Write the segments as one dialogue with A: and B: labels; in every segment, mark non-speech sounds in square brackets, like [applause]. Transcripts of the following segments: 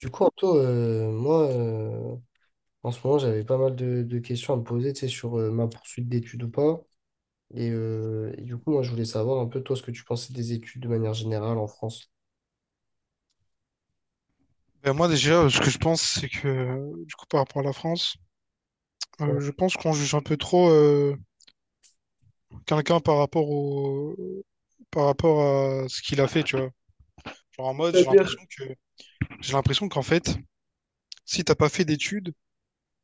A: Du coup, Anto, moi, en ce moment, j'avais pas mal de questions à me poser, tu sais, sur ma poursuite d'études ou pas. Et du coup, moi, je voulais savoir un peu, toi, ce que tu pensais des études de manière générale en France.
B: Ben, moi déjà, ce que je pense, c'est que, du coup, par rapport à la France,
A: Ouais.
B: je pense qu'on juge un peu trop quelqu'un par rapport à ce qu'il a fait, tu vois. Genre en mode,
A: C'est-à-dire.
B: j'ai l'impression qu'en fait, si t'as pas fait d'études,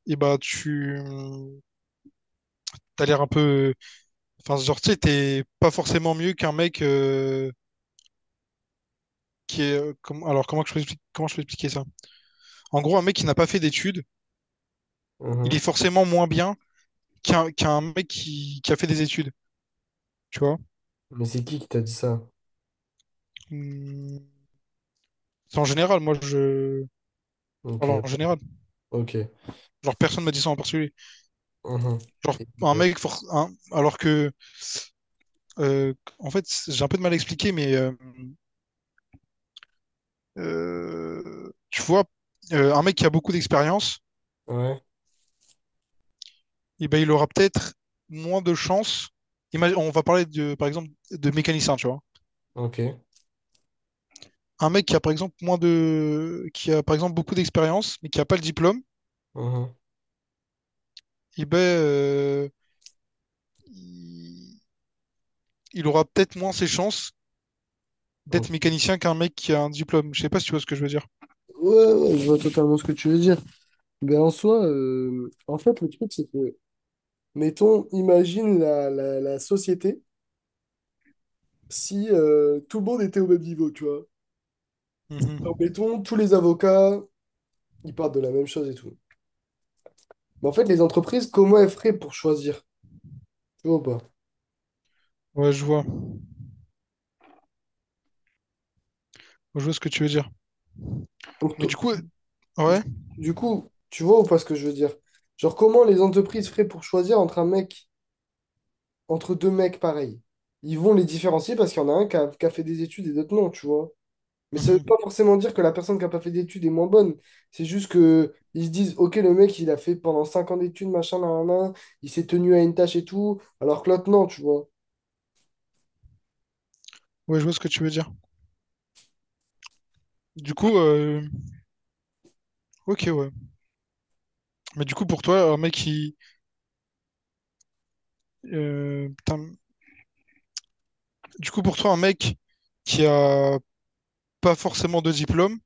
B: et bah t'as l'air un peu, enfin, genre, tu sais, t'es pas forcément mieux qu'un mec alors comment je peux expliquer ça? En gros, un mec qui n'a pas fait d'études, il est
A: Mhm.
B: forcément moins bien qu'un mec qui a fait des études, tu vois.
A: Mais c'est qui t'a dit ça?
B: Mmh. C'est en général, moi je
A: Ok,
B: parle en général.
A: ok.
B: Genre personne m'a dit ça en particulier.
A: Mhm.
B: Genre
A: Et,
B: un
A: euh,
B: mec, for- un- alors que, euh, en fait, c- j'ai un peu de mal à expliquer, mais tu vois, un mec qui a beaucoup d'expérience,
A: ouais,
B: eh ben, il aura peut-être moins de chances. On va parler de, par exemple, de mécanicien, tu vois.
A: ok.
B: Un mec qui a par exemple beaucoup d'expérience, mais qui a pas le diplôme,
A: Mhm.
B: eh ben, il il aura peut-être moins ses chances d'être
A: Ok.
B: mécanicien qu'un mec qui a un diplôme. Je sais pas si tu vois ce que je veux dire.
A: Ouais, ouais, je vois totalement ce que tu veux dire. Ben, en soi, en fait, le truc, c'est que, mettons, imagine la société si tout le monde était au même niveau, tu vois.
B: Mhm.
A: Donc, mettons, tous les avocats, ils partent de la même chose et tout. Mais en fait, les entreprises, comment elles feraient pour choisir? Tu vois ou pas?
B: Ouais, je vois. Ouais, je vois ce que tu veux dire.
A: Pour
B: Mais du
A: to-
B: coup,
A: du,
B: ouais.
A: du coup, tu vois ou pas ce que je veux dire? Genre, comment les entreprises feraient pour choisir entre un mec, entre deux mecs pareils? Ils vont les différencier parce qu'il y en a un qui a fait des études et d'autres non, tu vois. Mais ça veut
B: Mhm.
A: pas forcément dire que la personne qui a pas fait d'études est moins bonne. C'est juste que ils se disent, ok, le mec, il a fait pendant 5 ans d'études, machin, nan, nan, nan, il s'est tenu à une tâche et tout, alors que l'autre, non, tu vois.
B: Ouais, je vois ce que tu veux dire. Du coup, ok, ouais. Mais du coup, pour toi, un mec qui, putain, du coup, pour toi, un mec qui a pas forcément de diplôme,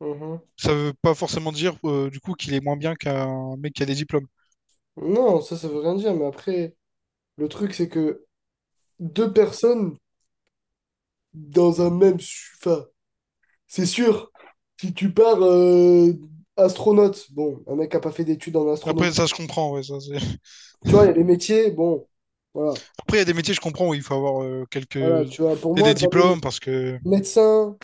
A: Mhm.
B: ça veut pas forcément dire du coup qu'il est moins bien qu'un mec qui a des diplômes.
A: Non, ça veut rien dire, mais après, le truc, c'est que deux personnes dans un même... Enfin, c'est sûr, si tu pars astronaute, bon, un mec qui a pas fait d'études en astronomie,
B: Après, ça, je comprends. Ouais, ça, c'est- [laughs]
A: tu vois, il y a les métiers, bon, voilà,
B: Après, il y a des métiers, je comprends, où il faut avoir quelques
A: voilà, tu vois, pour
B: et
A: moi,
B: des diplômes, parce que.
A: médecins.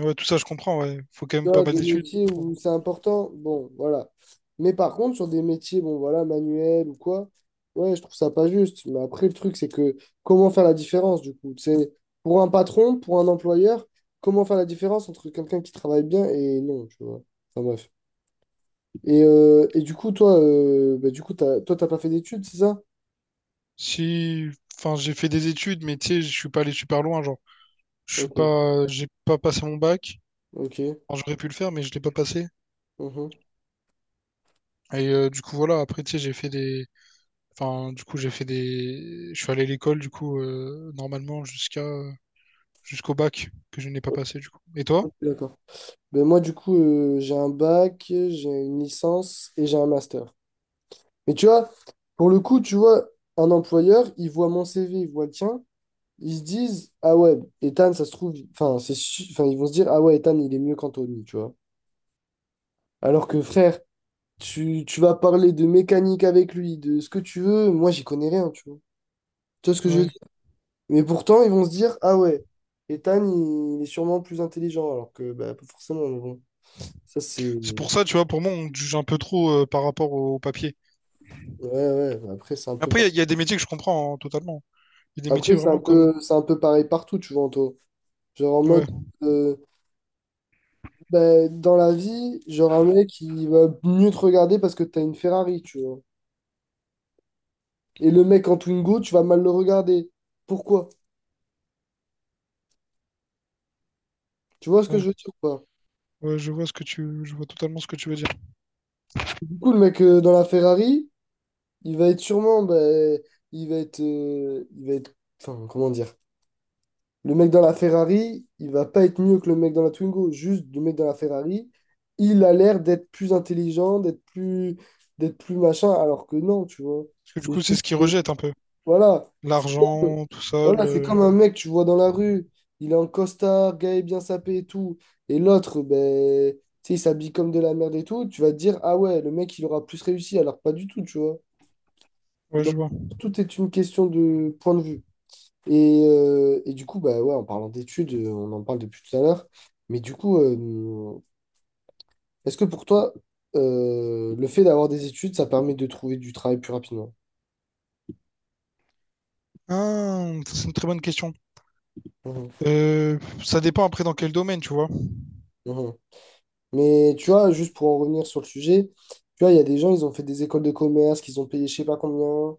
B: Ouais, tout ça, je comprends, ouais. Faut quand
A: Tu
B: même pas
A: vois,
B: mal
A: des
B: d'études.
A: métiers où
B: Pour-
A: c'est important, bon, voilà. Mais par contre, sur des métiers, bon, voilà, manuels ou quoi, ouais, je trouve ça pas juste. Mais après, le truc, c'est que comment faire la différence, du coup? C'est pour un patron, pour un employeur, comment faire la différence entre quelqu'un qui travaille bien et non, tu vois. Enfin, bref. Et du coup, toi, du coup, t'as, toi, t'as pas fait d'études, c'est ça?
B: Si. Enfin, j'ai fait des études, mais tu sais, je suis pas allé super loin, genre. Je suis
A: Ok,
B: pas. J'ai pas passé mon bac.
A: ok.
B: Enfin, j'aurais pu le faire, mais je l'ai pas passé.
A: Mhm.
B: Et du coup, voilà, après, tu sais, j'ai fait des. Enfin, du coup, j'ai fait des. Je suis allé à l'école, du coup, normalement, jusqu'au bac que je n'ai pas passé, du coup. Et toi?
A: Ok, d'accord. Ben moi, du coup, j'ai un bac, j'ai une licence et j'ai un master. Mais tu vois, pour le coup, tu vois, un employeur, il voit mon CV, il voit le tien, ils se disent, ah ouais, Ethan, ça se trouve, enfin, enfin, ils vont se dire, ah ouais, Ethan, il est mieux qu'Anthony, tu vois. Alors que frère, tu vas parler de mécanique avec lui, de ce que tu veux, moi, j'y connais rien, tu vois. Tu vois ce que je veux
B: Ouais.
A: dire? Mais pourtant, ils vont se dire, ah ouais, Ethan, il est sûrement plus intelligent, alors que, bah, pas forcément, mais bon. Ça, c'est.
B: C'est pour ça, tu vois, pour moi, on te juge un peu trop par rapport au papier.
A: Ouais, ouais, bah, après, c'est un
B: Mais
A: peu,
B: après,
A: par-
B: il y a des métiers que je comprends hein, totalement. Il y a des métiers
A: après,
B: vraiment comme.
A: c'est un peu pareil partout, tu vois, Anto. Genre en mode.
B: Ouais.
A: euh, Ben, dans la vie, genre un mec qui va mieux te regarder parce que t'as une Ferrari, tu vois. Et le mec en Twingo, tu vas mal le regarder. Pourquoi? Tu vois ce que
B: Ouais.
A: je veux dire ou pas?
B: Ouais, je vois je vois totalement ce que tu veux dire.
A: Parce que du coup, le mec dans la Ferrari, il va être sûrement, ben, il va être, enfin, comment dire? Le mec dans la Ferrari, il va pas être mieux que le mec dans la Twingo. Juste, le mec dans la Ferrari, il a l'air d'être plus intelligent, d'être plus machin, alors que non, tu vois.
B: Parce que du
A: C'est
B: coup, c'est ce
A: juste.
B: qu'ils rejettent un peu.
A: Voilà. C'est comme,
B: L'argent, tout ça,
A: voilà, c'est
B: le.
A: comme un mec que tu vois dans la rue. Il est en costard, gars est bien sapé et tout. Et l'autre, ben, tu sais, il s'habille comme de la merde et tout. Tu vas te dire, ah ouais, le mec, il aura plus réussi. Alors, pas du tout, tu vois.
B: Ouais,
A: Donc,
B: je vois.
A: tout est une question de point de vue. Et du coup, bah ouais, en parlant d'études, on en parle depuis tout à l'heure. Mais du coup, est-ce que pour toi, le fait d'avoir des études, ça permet de trouver du travail plus rapidement?
B: Ah, ça, c'est une très bonne question.
A: Mhm.
B: Euh, Ça dépend après dans quel domaine, tu vois.
A: Mhm. Mais tu vois, juste pour en revenir sur le sujet, tu vois, il y a des gens, ils ont fait des écoles de commerce, qu'ils ont payé je sais pas combien,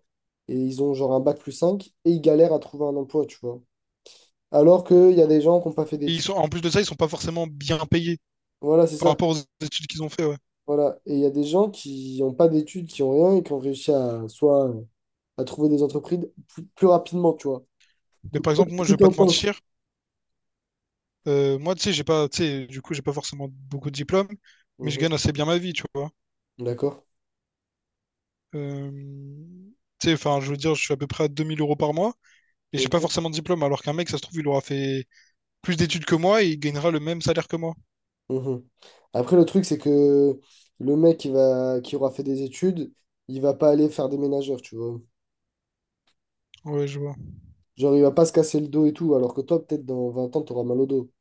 A: et ils ont genre un bac plus 5 et ils galèrent à trouver un emploi, tu vois. Alors qu'il y a des gens qui n'ont pas fait
B: Et ils
A: d'études.
B: sont, en plus de ça, ils sont pas forcément bien payés
A: Voilà, c'est
B: par
A: ça.
B: rapport aux études qu'ils ont fait, ouais.
A: Voilà. Et il y a des gens qui n'ont pas d'études, qui n'ont rien, et qui ont réussi à soit à trouver des entreprises plus, plus rapidement, tu vois.
B: Mais par exemple, moi, je
A: Qu'est-ce que
B: vais pas
A: t'en
B: te
A: penses?
B: mentir. Moi, tu sais, j'ai pas, tu sais, du coup, j'ai pas forcément beaucoup de diplômes, mais je
A: Mhm.
B: gagne assez bien ma vie, tu vois.
A: D'accord.
B: Euh, Tu sais, enfin, je veux dire, je suis à peu près à 2 000 € par mois, et j'ai pas
A: Ok.
B: forcément de diplôme, alors qu'un mec, ça se trouve, il aura fait plus d'études que moi et il gagnera le même salaire que moi.
A: Mhm. Après, le truc, c'est que le mec qui va, qui aura fait des études, il va pas aller faire des ménageurs, tu vois.
B: Ouais, je vois.
A: Genre, il va pas se casser le dos et tout, alors que toi, peut-être dans 20 ans, t'auras mal au dos.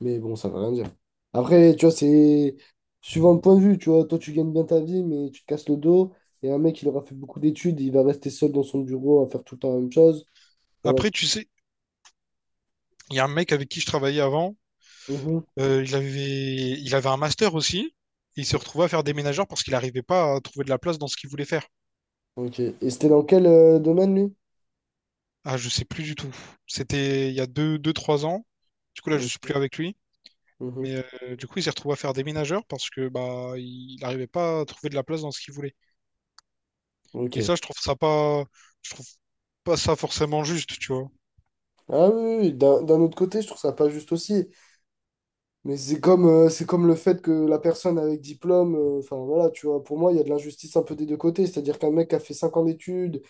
A: Mais bon, ça veut rien dire. Après, tu vois, c'est suivant le point de vue, tu vois. Toi, tu gagnes bien ta vie, mais tu te casses le dos. Et un mec, il aura fait beaucoup d'études, il va rester seul dans son bureau à faire tout le temps la même chose. Voilà.
B: Après, tu sais, il y a un mec avec qui je travaillais avant.
A: Mhm.
B: Il avait un master aussi. Et il se retrouvait à faire déménageur parce qu'il n'arrivait pas à trouver de la place dans ce qu'il voulait faire.
A: Ok. Et c'était dans quel domaine, lui?
B: Ah, je sais plus du tout. C'était il y a deux, 3 ans. Du coup, là, je suis plus
A: Ok.
B: avec lui.
A: Mhm.
B: Mais du coup, il s'est retrouvé à faire déménageur parce que bah, il n'arrivait pas à trouver de la place dans ce qu'il voulait. Et
A: Ok.
B: ça, je trouve ça pas, je trouve pas ça forcément juste, tu vois.
A: Ah oui, oui, oui. D'un autre côté, je trouve ça pas juste aussi. Mais c'est comme le fait que la personne avec diplôme, enfin voilà, tu vois, pour moi, il y a de l'injustice un peu des deux côtés. C'est-à-dire qu'un mec qui a fait 5 ans d'études.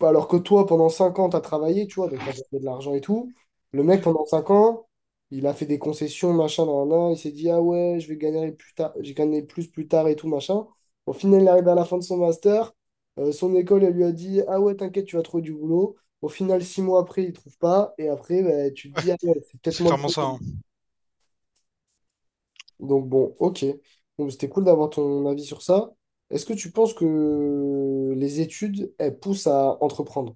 A: Bah, alors que toi, pendant 5 ans, tu as travaillé, tu vois, donc tu as gagné de l'argent et tout. Le mec,
B: Mhm.
A: pendant 5 ans, il a fait des concessions, machin, nan, nan, nan. Il s'est dit, ah ouais, je vais gagner plus tard, j'ai gagné plus tard et tout, machin. Au final, il arrive à la fin de son master. Son école, elle lui a dit, ah ouais, t'inquiète, tu vas trouver du boulot. Au final, 6 mois après, il trouve pas. Et après, ben, tu te dis, ah ouais, c'est peut-être
B: C'est
A: moi le
B: clairement ça,
A: problème.
B: hein.
A: Donc bon, ok. Donc c'était cool d'avoir ton avis sur ça. Est-ce que tu penses que les études, elles poussent à entreprendre?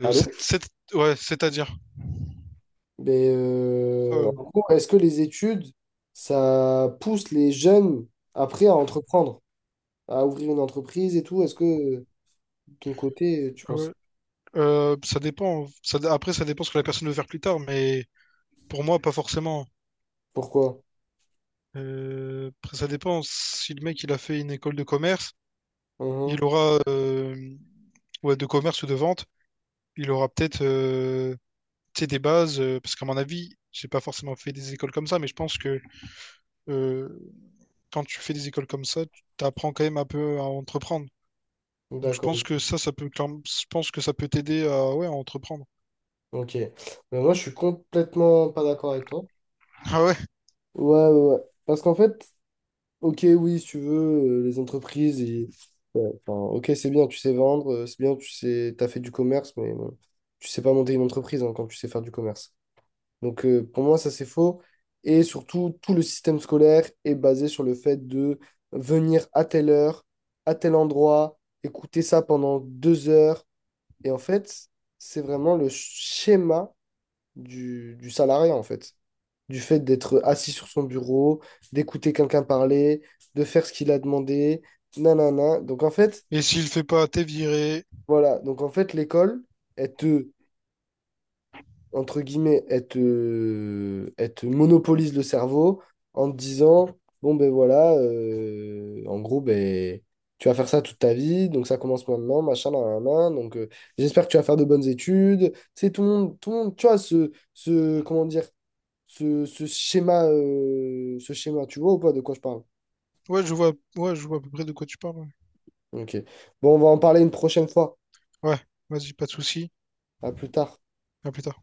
A: Allô?
B: Ouais, c'est-à-dire.
A: Mais
B: euh,
A: en gros, est-ce que les études, ça pousse les jeunes après à entreprendre, à ouvrir une entreprise et tout? Est-ce que de ton côté, tu
B: Ah
A: penses?
B: ouais. Ça dépend. Après, ça dépend ce que la personne veut faire plus tard, mais pour moi, pas forcément.
A: Pourquoi?
B: Après, ça dépend. Si le mec, il a fait une école de commerce, il aura, ouais, de commerce ou de vente, il aura peut-être, tu sais, des bases. Parce qu'à mon avis, j'ai pas forcément fait des écoles comme ça, mais je pense que euh, quand tu fais des écoles comme ça, tu apprends quand même un peu à entreprendre.
A: Mhm.
B: Donc, je pense
A: D'accord.
B: que ça peut, clairement- je pense que ça peut t'aider à, ouais, à entreprendre.
A: Ok. Mais moi, je suis complètement pas d'accord avec toi.
B: [laughs] Ah ouais.
A: Ouais, ouais, ouais. Parce qu'en fait, ok, oui, si tu veux, les entreprises, ils- ouais, enfin, ok, c'est bien, tu sais vendre, c'est bien, tu sais, t'as fait du commerce, mais bon, tu sais pas monter une entreprise hein, quand tu sais faire du commerce. Donc pour moi, ça c'est faux. Et surtout, tout le système scolaire est basé sur le fait de venir à telle heure, à tel endroit, écouter ça pendant 2 heures. Et en fait, c'est vraiment le schéma du salarié, en fait. Du fait d'être assis sur son bureau, d'écouter quelqu'un parler, de faire ce qu'il a demandé, nanana. Donc en fait,
B: Et s'il le fait pas, t'es viré.
A: voilà. Donc en fait, l'école, elle te entre guillemets, elle te monopolise le cerveau en te disant, bon ben voilà, en gros, ben, tu vas faire ça toute ta vie, donc ça commence maintenant, machin, nan, nan, nan, donc j'espère que tu vas faire de bonnes études. C'est tout le monde, tu vois, ce comment dire, ce schéma, tu vois ou pas de quoi je parle?
B: Ouais, je vois, ouais, je vois à peu près de quoi tu parles.
A: Ok. Bon, on va en parler une prochaine fois.
B: Ouais, ouais, vas-y, pas de souci.
A: À plus tard.
B: À plus tard.